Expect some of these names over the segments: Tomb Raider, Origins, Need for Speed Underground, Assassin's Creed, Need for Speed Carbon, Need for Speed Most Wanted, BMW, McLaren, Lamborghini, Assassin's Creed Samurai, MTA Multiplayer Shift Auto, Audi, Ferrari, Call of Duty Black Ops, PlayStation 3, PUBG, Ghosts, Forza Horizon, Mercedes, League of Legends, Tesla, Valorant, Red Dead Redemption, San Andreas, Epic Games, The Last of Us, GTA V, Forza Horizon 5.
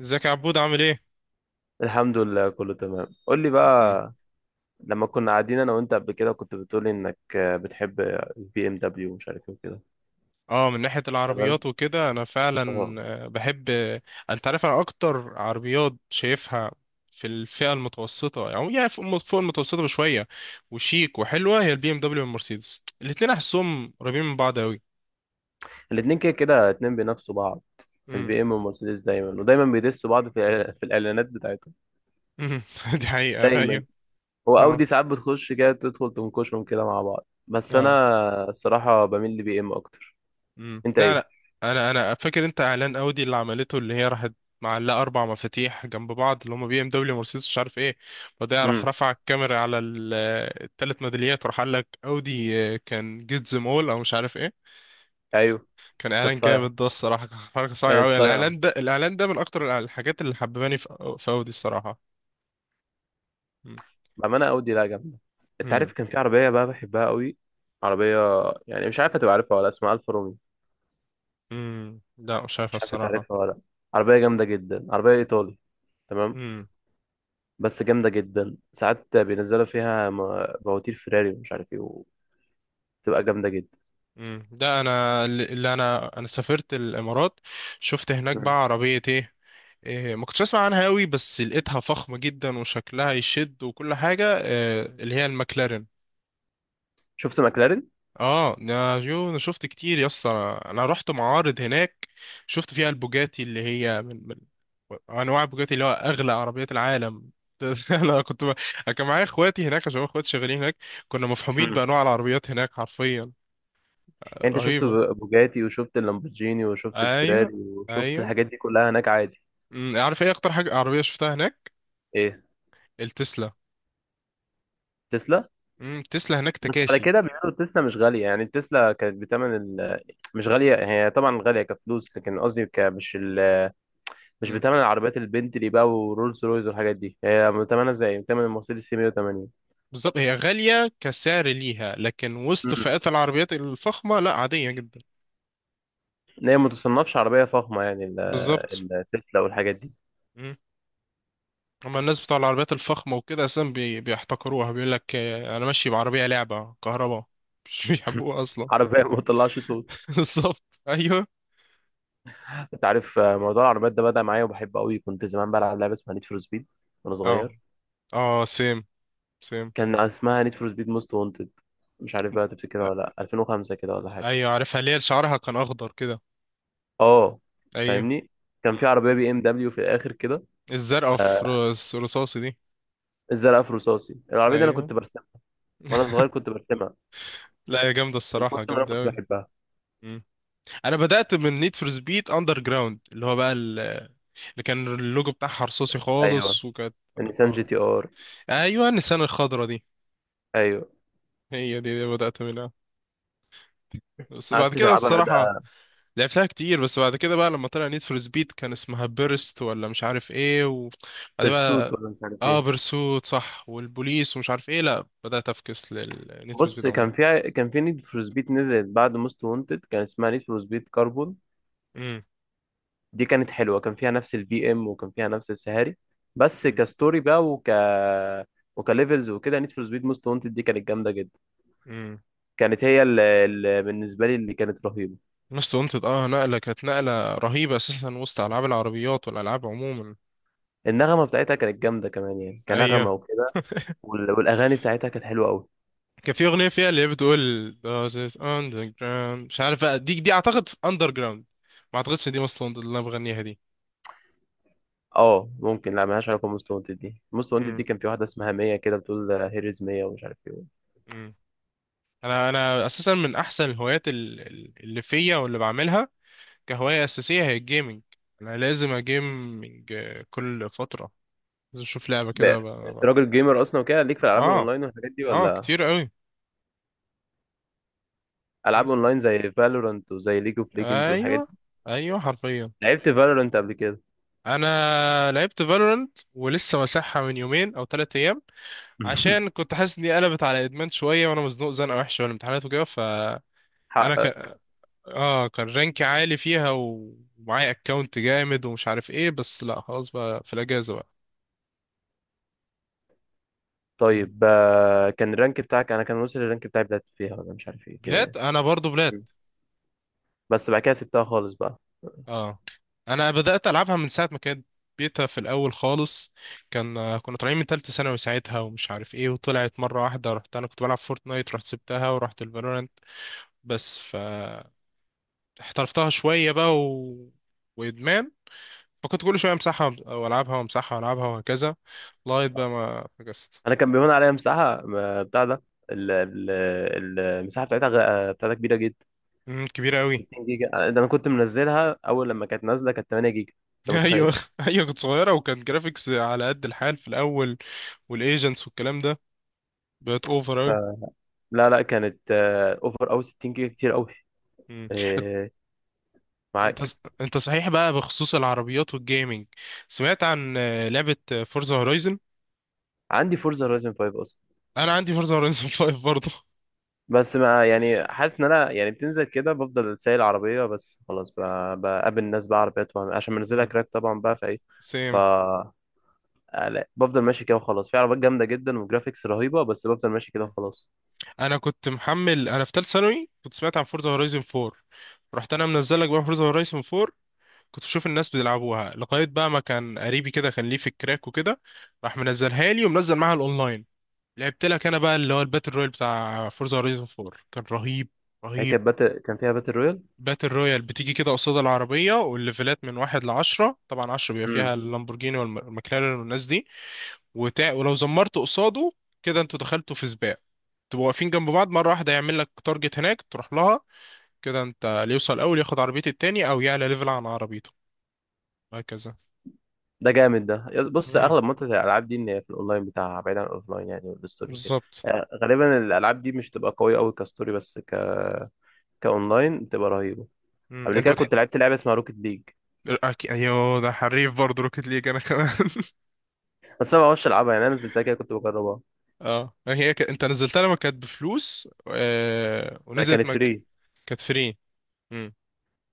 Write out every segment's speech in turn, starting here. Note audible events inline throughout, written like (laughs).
ازيك يا عبود عامل ايه؟ الحمد لله، كله تمام. قول لي مم. بقى. لما كنا قاعدين انا وانت قبل كده كنت بتقولي انك بتحب البي ام دبليو ومش عارف ايه وكده. اه، من ناحية تمام. العربيات وكده انا فعلا اه. بحب انت عارف انا اكتر عربيات شايفها في الفئة المتوسطة، يعني فوق المتوسطة بشوية، وشيك وحلوة، هي البي ام دبليو والمرسيدس. الاتنين احسهم قريبين من بعض اوي. الاتنين كده كده اتنين بينافسوا بعض، مم. البي ام والمرسيدس دايما ودايما بيدسوا بعض في في الاعلانات بتاعتهم مم. (laughs) دي حقيقة، دايما. ايوه. هو اودي اه. ساعات بتخش كده، تدخل تنكشهم كده مع بعض، بس اه. انا الصراحه بميل لبي ام اكتر. مم. انت لا ايه؟ لا. انا فاكر انت اعلان اودي اللي عملته، اللي هي راحت معلقه 4 مفاتيح جنب بعض، اللي هم بي ام دبليو، مرسيدس، مش عارف ايه، وبعدها راح امم رفع الكاميرا على ال3 ميداليات وراح قال لك اودي، كان جيت زم اول او مش عارف ايه. ايوه. كان كانت اعلان صايعه، جامد ده الصراحه. (laughs) كان حركه صايعه كانت قوي، صايعه. الاعلان ده، الاعلان ده من اكتر الحاجات اللي حبباني في اودي الصراحه. مم. بأمانة أودي لا جامدة. أنت مم. عارف كان في عربية بقى بحبها قوي، عربية يعني مش عارف هتبقى عارفها ولا، اسمها ألفا رومي. مم. لا مش عارف مش عارف أنت الصراحه. عارفها ولا لأ. عربية جامدة جدا، عربية إيطالي. تمام. مم. بس جامدة جدا، ساعات بينزلوا فيها مواتير فيراري ومش عارف إيه وتبقى جامدة جدا. مم. ده انا اللي انا سافرت الامارات، شفت هناك بقى مم. عربية ايه. ما كنتش اسمع عنها قوي، بس لقيتها فخمة جدا، وشكلها يشد، وكل حاجة، اللي هي المكلارين. شفت ماكلارين؟ اه يا جو، انا شفت كتير يا اسطى، انا رحت معارض هناك. شفت فيها البوجاتي، اللي هي من انواع البوجاتي، اللي هو اغلى عربيات العالم. (laughs) انا كنت ب... أنا كان معايا اخواتي هناك عشان اخواتي شغالين هناك. كنا مفهومين مم. بانواع العربيات هناك حرفيا. يعني أنت شفت رهيبة. بوجاتي وشفت اللامبورجيني وشفت ايوه. الفيراري وشفت ايوه. الحاجات دي كلها هناك عادي. عارف ايه اكتر حاجة عربية شفتها هناك؟ إيه؟ التسلا. تسلا؟ التسلا هناك بس على تكاسي. كده بيقولوا تسلا مش غالية، يعني تسلا كانت بتمن ال... مش غالية، هي طبعا غالية كفلوس، لكن قصدي مش مش بتمن العربيات البنتلي بقى ورولز رويز والحاجات دي، هي بتمنها زي بتمن المرسيدس سي 180. بالظبط، هي غالية كسعر ليها، لكن وسط امم، فئات العربيات الفخمة، لا عادية جدا. هي ما تصنفش عربية فخمة يعني بالظبط. التسلا والحاجات دي. مم. أما الناس بتوع العربيات الفخمة وكده أساسا، بيحتقروها، بيقول لك أنا ماشي بعربية لعبة كهرباء. (laughs) مش بيحبوها أصلا. عربية (laughs) ما بتطلعش صوت. (laughs) بالظبط، أيوه. انت عارف، موضوع العربيات ده بدأ معايا وبحبه قوي. كنت زمان بلعب لعبة اسمها نيد فور سبيد وانا أه. صغير. أه. سيم. سيم. كان اسمها نيد فور سبيد موست وانتد، مش عارف بقى تفتكرها أ- ولا لا، 2005 كده ولا حاجة. أيوه عارفها، اللي هي شعرها كان أخضر كده. اه، أيوه. فاهمني. كان مم. في عربيه بي ام دبليو في الاخر كده، الزرقاء في آه، رصاصي دي. الزرقاء في رصاصي. العربيه دي انا أيوه. كنت برسمها وانا (laughs) صغير، كنت برسمها لا، هي جامدة من الصراحة، كتر ما انا جامدة كنت أوي. بحبها. انا بدات من نيد فور سبيد اندر جراوند، اللي هو بقى اللي كان اللوجو بتاعها رصاصي ايوه خالص وكانت. النيسان جي اه. تي ار. ايوه النسان الخضرا دي. ايوه. هي دي بدات منها. بس بعد قعدت كده تلعبها الصراحه، ده. لعبتها كتير، بس بعد كده بقى لما طلع نيد فور سبيد كان اسمها بيرست ولا مش عارف ايه، وبعد بيرسوت بقى، ولا مش عارف اه ايه. بيرسوت صح، والبوليس ومش عارف ايه، لا بدات افكس للنيد فور بص، سبيد كان عموما. في كان في نيد فور سبيد نزلت بعد موست وانتد، كان اسمها نيد فور سبيد كاربون. امم. دي كانت حلوه، كان فيها نفس البي ام وكان فيها نفس السهاري، بس كستوري بقى وكليفلز وكده. نيد فور سبيد موست وانتد دي كانت جامده جدا، امم. كانت هي اللي بالنسبه لي اللي كانت رهيبه. مست وانتد، نقله كانت نقله رهيبه اساسا وسط العاب العربيات والالعاب عموما. النغمة بتاعتها كانت جامدة كمان يعني كنغمة ايوه. وكده، والأغاني بتاعتها كانت حلوة أوي. كان في اغنيه فيها اللي هي بتقول This is underground، مش عارف بقى، دي اعتقد اندر جراوند. ما اعتقدش إن دي مصر اللي انا بغنيها دي. اه ممكن، لا ملهاش علاقة بموست وانتد. دي موست وانتد دي مم. كان في واحدة اسمها مية كده، بتقول هيريز مية ومش عارف ايه. مم. انا اساسا من احسن الهوايات اللي فيا واللي بعملها كهوايه اساسيه هي الجيمنج. انا لازم اجيمنج كل فتره، لازم اشوف لعبه ب- كده أنت ب- راجل جيمر أصلا وكده، ليك في الألعاب اه. الأونلاين والحاجات دي اه ولا؟ كتير قوي. مم. ألعاب أونلاين زي فالورانت وزي ليج اوف ليجندز والحاجات ايوه. دي. ايوه حرفيا. لعبت فالورانت قبل كده؟ انا لعبت فالورنت ولسه مسحها من يومين او 3 ايام، عشان (laughs) كنت حاسس اني قلبت على ادمان شويه، وانا مزنوق زنقه وحشه، والامتحانات وكده، حقق. ك... اه كان رانكي عالي فيها ومعايا اكونت جامد ومش عارف ايه، بس لا خلاص بقى في الاجازه بقى. مم. طيب، كان الرانك بتاعك، أنا كان وصل الرانك بتاعي بلات فيها ولا مش عارف ايه كده بلاد، يعني، انا برضو بلاد. بس بعد كده سبتها خالص بقى. اه، انا بدات العبها من ساعه ما كانت بيتا في الاول خالص. كان كنا طالعين من تالتة ثانوي ساعتها ومش عارف ايه، وطلعت مره واحده، رحت انا كنت بلعب فورتنايت، رحت سبتها ورحت الفالورانت. بس فاحترفتها شويه بقى وادمان. فكنت كل شوية امسحها والعبها وامسحها والعبها وهكذا، لغاية بقى ما فكست. انا كان بيهون عليا مساحه بتاع ده، المساحه بتاعتها بتاعتها كبيره جدا، كبيرة قوي. 60 جيجا. ده انا كنت منزلها اول لما كانت نازله كانت 8 جيجا. (laughs) انت متخيل؟ ايوه. ايوه كنت صغيرة وكان جرافيكس على قد الحال في الاول، والايجنتس والكلام ده، بقت اوفر ف- قوي. لا لا، كانت اوفر. او 60 جيجا كتير قوي، انت معاك. انت صحيح بقى بخصوص العربيات والجيمنج، سمعت عن لعبة فورزا هورايزن؟ عندي فورزا هورايزن 5 اصلا. انا عندي فورزا هورايزن (laughs) 5 برضه. بس ما يعني، حاسس ان انا يعني بتنزل كده بفضل سايق العربيه بس خلاص، بقابل الناس بقى عربيات عشان منزلها مم، كراك طبعا بقى فايه. ف سيم. لا، بفضل ماشي كده وخلاص، في عربيات جامده جدا وجرافيكس رهيبه، بس بفضل ماشي كده مم. وخلاص. انا كنت محمل، انا في ثالث ثانوي كنت سمعت عن فورزا هورايزن 4، رحت انا منزل لك بقى فورزا هورايزن 4. كنت بشوف الناس بيلعبوها، لغاية بقى ما كان قريبي كده كان ليه في الكراك وكده، راح منزلها لي ومنزل معاها الاونلاين. لعبت لك انا بقى، اللي هو الباتل رويال بتاع فورزا هورايزون 4، كان رهيب. هي رهيب. كانت كان فيها باتل رويال؟ باتل رويال بتيجي كده قصاد العربية، والليفلات من واحد لعشرة، طبعا عشرة بيبقى فيها امم، اللامبورجيني والمكلارين والناس دي، ولو زمرت قصاده كده، انتوا دخلتوا في سباق، تبقوا واقفين جنب بعض مرة واحدة، يعمل لك تارجت هناك تروح لها، كده انت اللي يوصل الاول ياخد عربية التاني او يعلى ليفل عن عربيته، هكذا. ده جامد ده. بص، امم. اغلب منطقه الالعاب دي ان هي في الاونلاين بتاعها بعيد عن الاوفلاين يعني، والستوري وكده. بالظبط. يعني غالبا الالعاب دي مش تبقى قويه قوي كستوري، بس كاونلاين تبقى رهيبه. مم. قبل انت كده بتح كنت لعبت لعبه اسمها روكيت ليج، ايوه، ده حريف برضه روكيت ليج، انا كمان. (laughs) بس انا ما بعرفش العبها يعني، انا نزلتها كده كنت بجربها. اه، هي انت نزلتها لما كانت بفلوس لا ونزلت كانت فري. كانت فري. مم.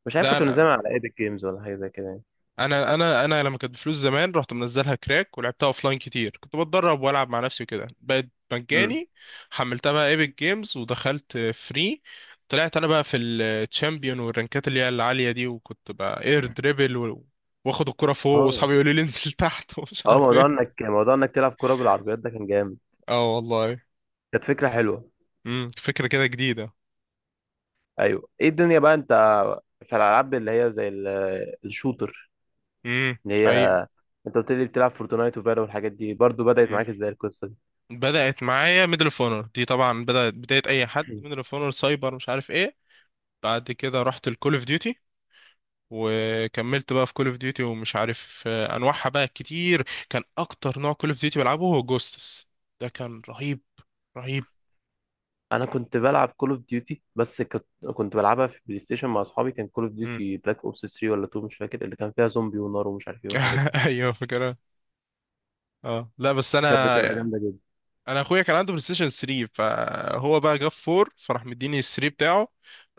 مش عارف لا كنت منزلها انا، على ايبك جيمز ولا حاجه زي كده يعني. انا لما كانت بفلوس زمان، رحت منزلها كراك ولعبتها اوفلاين كتير، كنت بتدرب والعب مع نفسي وكده، بقت امم. مجاني. حملتها بقى ايبك جيمز ودخلت فري، طلعت انا بقى في الشامبيون والرانكات اللي هي العالية دي، وكنت بقى اير دريبل واخد الكرة فوق، اه. واصحابي يقولوا لي انزل تحت. (laughs) ومش اه، عارف موضوع ايه. انك موضوع انك تلعب كوره بالعربيات ده كان جامد. اه والله. كانت فكره حلوه. فكرة كده جديدة. ايوه، ايه الدنيا بقى؟ انت، في الالعاب اللي هي زي الشوتر، امم. اللي هي، اي. انت قلت لي بتلعب فورتنايت وفالو والحاجات دي، برضو بدات معاك امم. ازاي القصه دي؟ بدأت معايا ميدل اوف اونر، دي طبعا بدأت بداية اي حد، ميدل (clears throat) اوف اونر، سايبر مش عارف ايه. بعد كده رحت الكول اوف ديوتي، وكملت بقى في كول اوف ديوتي، ومش عارف انواعها بقى كتير، كان اكتر نوع كول اوف ديوتي بلعبه هو جوستس. ده كان رهيب. رهيب. انا كنت بلعب كول اوف ديوتي، بس كنت، كنت بلعبها في بلاي ستيشن مع اصحابي. كان كول اوف امم. ديوتي بلاك اوبس 3 ولا 2، مش فاكر، اللي كان فيها زومبي ونار ومش عارف ايه والحاجات دي. (laughs) ايوه. فكرة. اه لا بس كانت بتبقى انا، جامده جدا. انا اخويا كان عنده بلاي ستيشن 3، فهو بقى جاب 4، فراح مديني ال 3 بتاعه،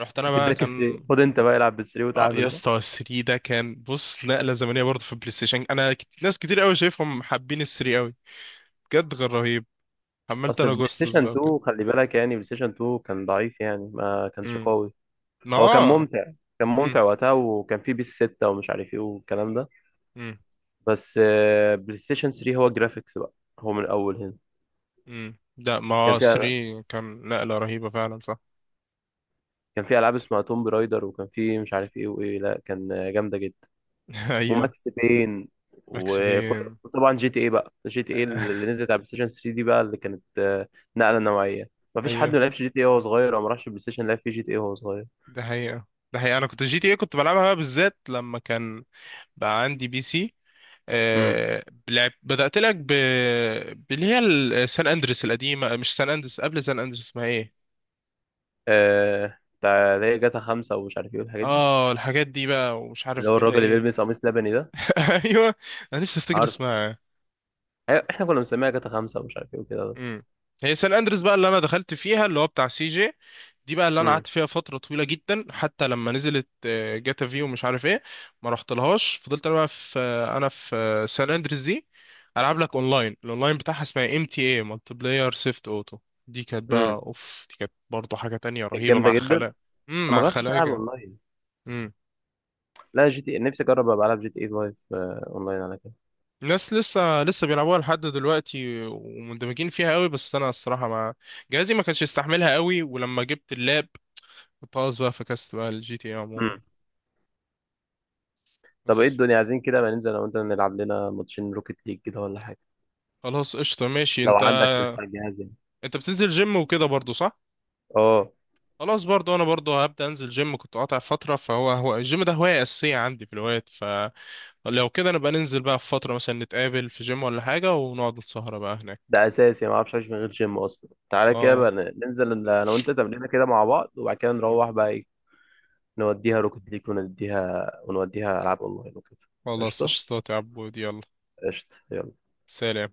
رحت انا (laughs) بقى اداك كان. 3، خد انت بقى العب بال 3 اه يا وتعامل. اسطى، 3 ده كان، بص، نقله زمنيه برضه في البلاي ستيشن، انا ناس كتير قوي شايفهم حابين ال 3 قوي، بجد غير رهيب. حملت اصل انا بلاي جوستس ستيشن بقى وكده. 2 خلي بالك، يعني بلاي ستيشن 2 كان ضعيف يعني، ما كانش امم. قوي. ما هو كان اه. ممتع، كان ممتع امم. وقتها، وكان فيه بيس 6 ومش عارف ايه والكلام ده. امم. بس بلاي ستيشن 3 هو جرافيكس بقى، هو من الاول هنا. امم. لا ما كان فيها، 3 كان نقله رهيبه فعلا، صح. كان في العاب اسمها توم برايدر، وكان في مش عارف ايه وايه، لا كان جامده جدا. (laughs) ايوه. وماكس بين ماكس بين. وطبعا جي تي ايه بقى. جي تي ايه آه. اللي نزلت على بلاي ستيشن 3 دي بقى، اللي كانت نقله نوعيه. (laughs) مفيش حد ما ايوه. لعبش جي تي ايه وهو صغير، او ما راحش بلاي ستيشن لعب فيه جي تي ايه وهو صغير. ده حقيقه، ده حقيقه، انا كنت جي تي ايه كنت بلعبها بقى بالذات لما كان بقى عندي بي سي، امم. لعب، بدأت لك باللي هي سان اندريس القديمة، مش سان اندريس، قبل سان اندريس اسمها ايه. آه بتاع اللي هي جاتا 5 ومش عارف ايه والحاجات دي، اه، الحاجات دي بقى، ومش اللي عارف هو جاتا الراجل اللي ايه. بيلبس قميص لبني ده. (laughs) ايوه. انا نفسي افتكر عارف، اسمها. أيوة، احنا كنا مسميها جاتا 5 ومش عارف ايه وكده. امم. هي سان اندريس بقى، اللي انا دخلت فيها، اللي هو بتاع سي جي، دي بقى اللي انا امم. قعدت فيها فتره طويله جدا، حتى لما نزلت جاتا في ومش عارف ايه، ما رحت لهاش، فضلت انا بقى في آه، انا في سان اندريس دي. العب لك اونلاين، الاونلاين بتاعها اسمها ام تي اي مالتي بلاير سيفت اوتو، امم. دي كانت برضه حاجه تانية كانت رهيبه جامدة مع جدا. خلايا. امم، أنا ما مع جربتش ألعب خلايا. أونلاين. لا جي تي إيه، نفسي أجرب أبقى ألعب جي تي اي 5 أونلاين على كده. ناس لسه بيلعبوها لحد دلوقتي، ومندمجين فيها قوي، بس انا الصراحه ما، جهازي ما كانش يستحملها قوي، ولما جبت اللاب كنت خلاص بقى فكست بقى الجي تي اي عموما. امم. طب ايه بس. الدنيا عايزين كده، ما ننزل أنا وأنت نلعب لنا ماتشين روكيت ليج كده ولا حاجة. خلاص، قشطه، ماشي لو انت. عندك لسه على الجهاز يعني. انت بتنزل جيم وكده برضو، صح؟ اه. خلاص، برضو انا برضو هبدا انزل جيم، كنت قاطع فتره، فهو الجيم ده هوايه اساسيه عندي في الوقت، فلو كده نبقى ننزل بقى في فتره مثلا، نتقابل في جيم ولا حاجه ونقعد السهره بقى هناك. ده أساسي، ما أعرفش أعيش من غير جيم أصلا. تعالى كده بقى، اه ننزل أنا وأنت تمرينة كده مع بعض، وبعد كده نروح بقى، نوديها روكت ليج، ونديها ونوديها ألعاب أونلاين وكده. خلاص، قشطة، قشطات يا عبود، يلا. قشطة يلا. سلام.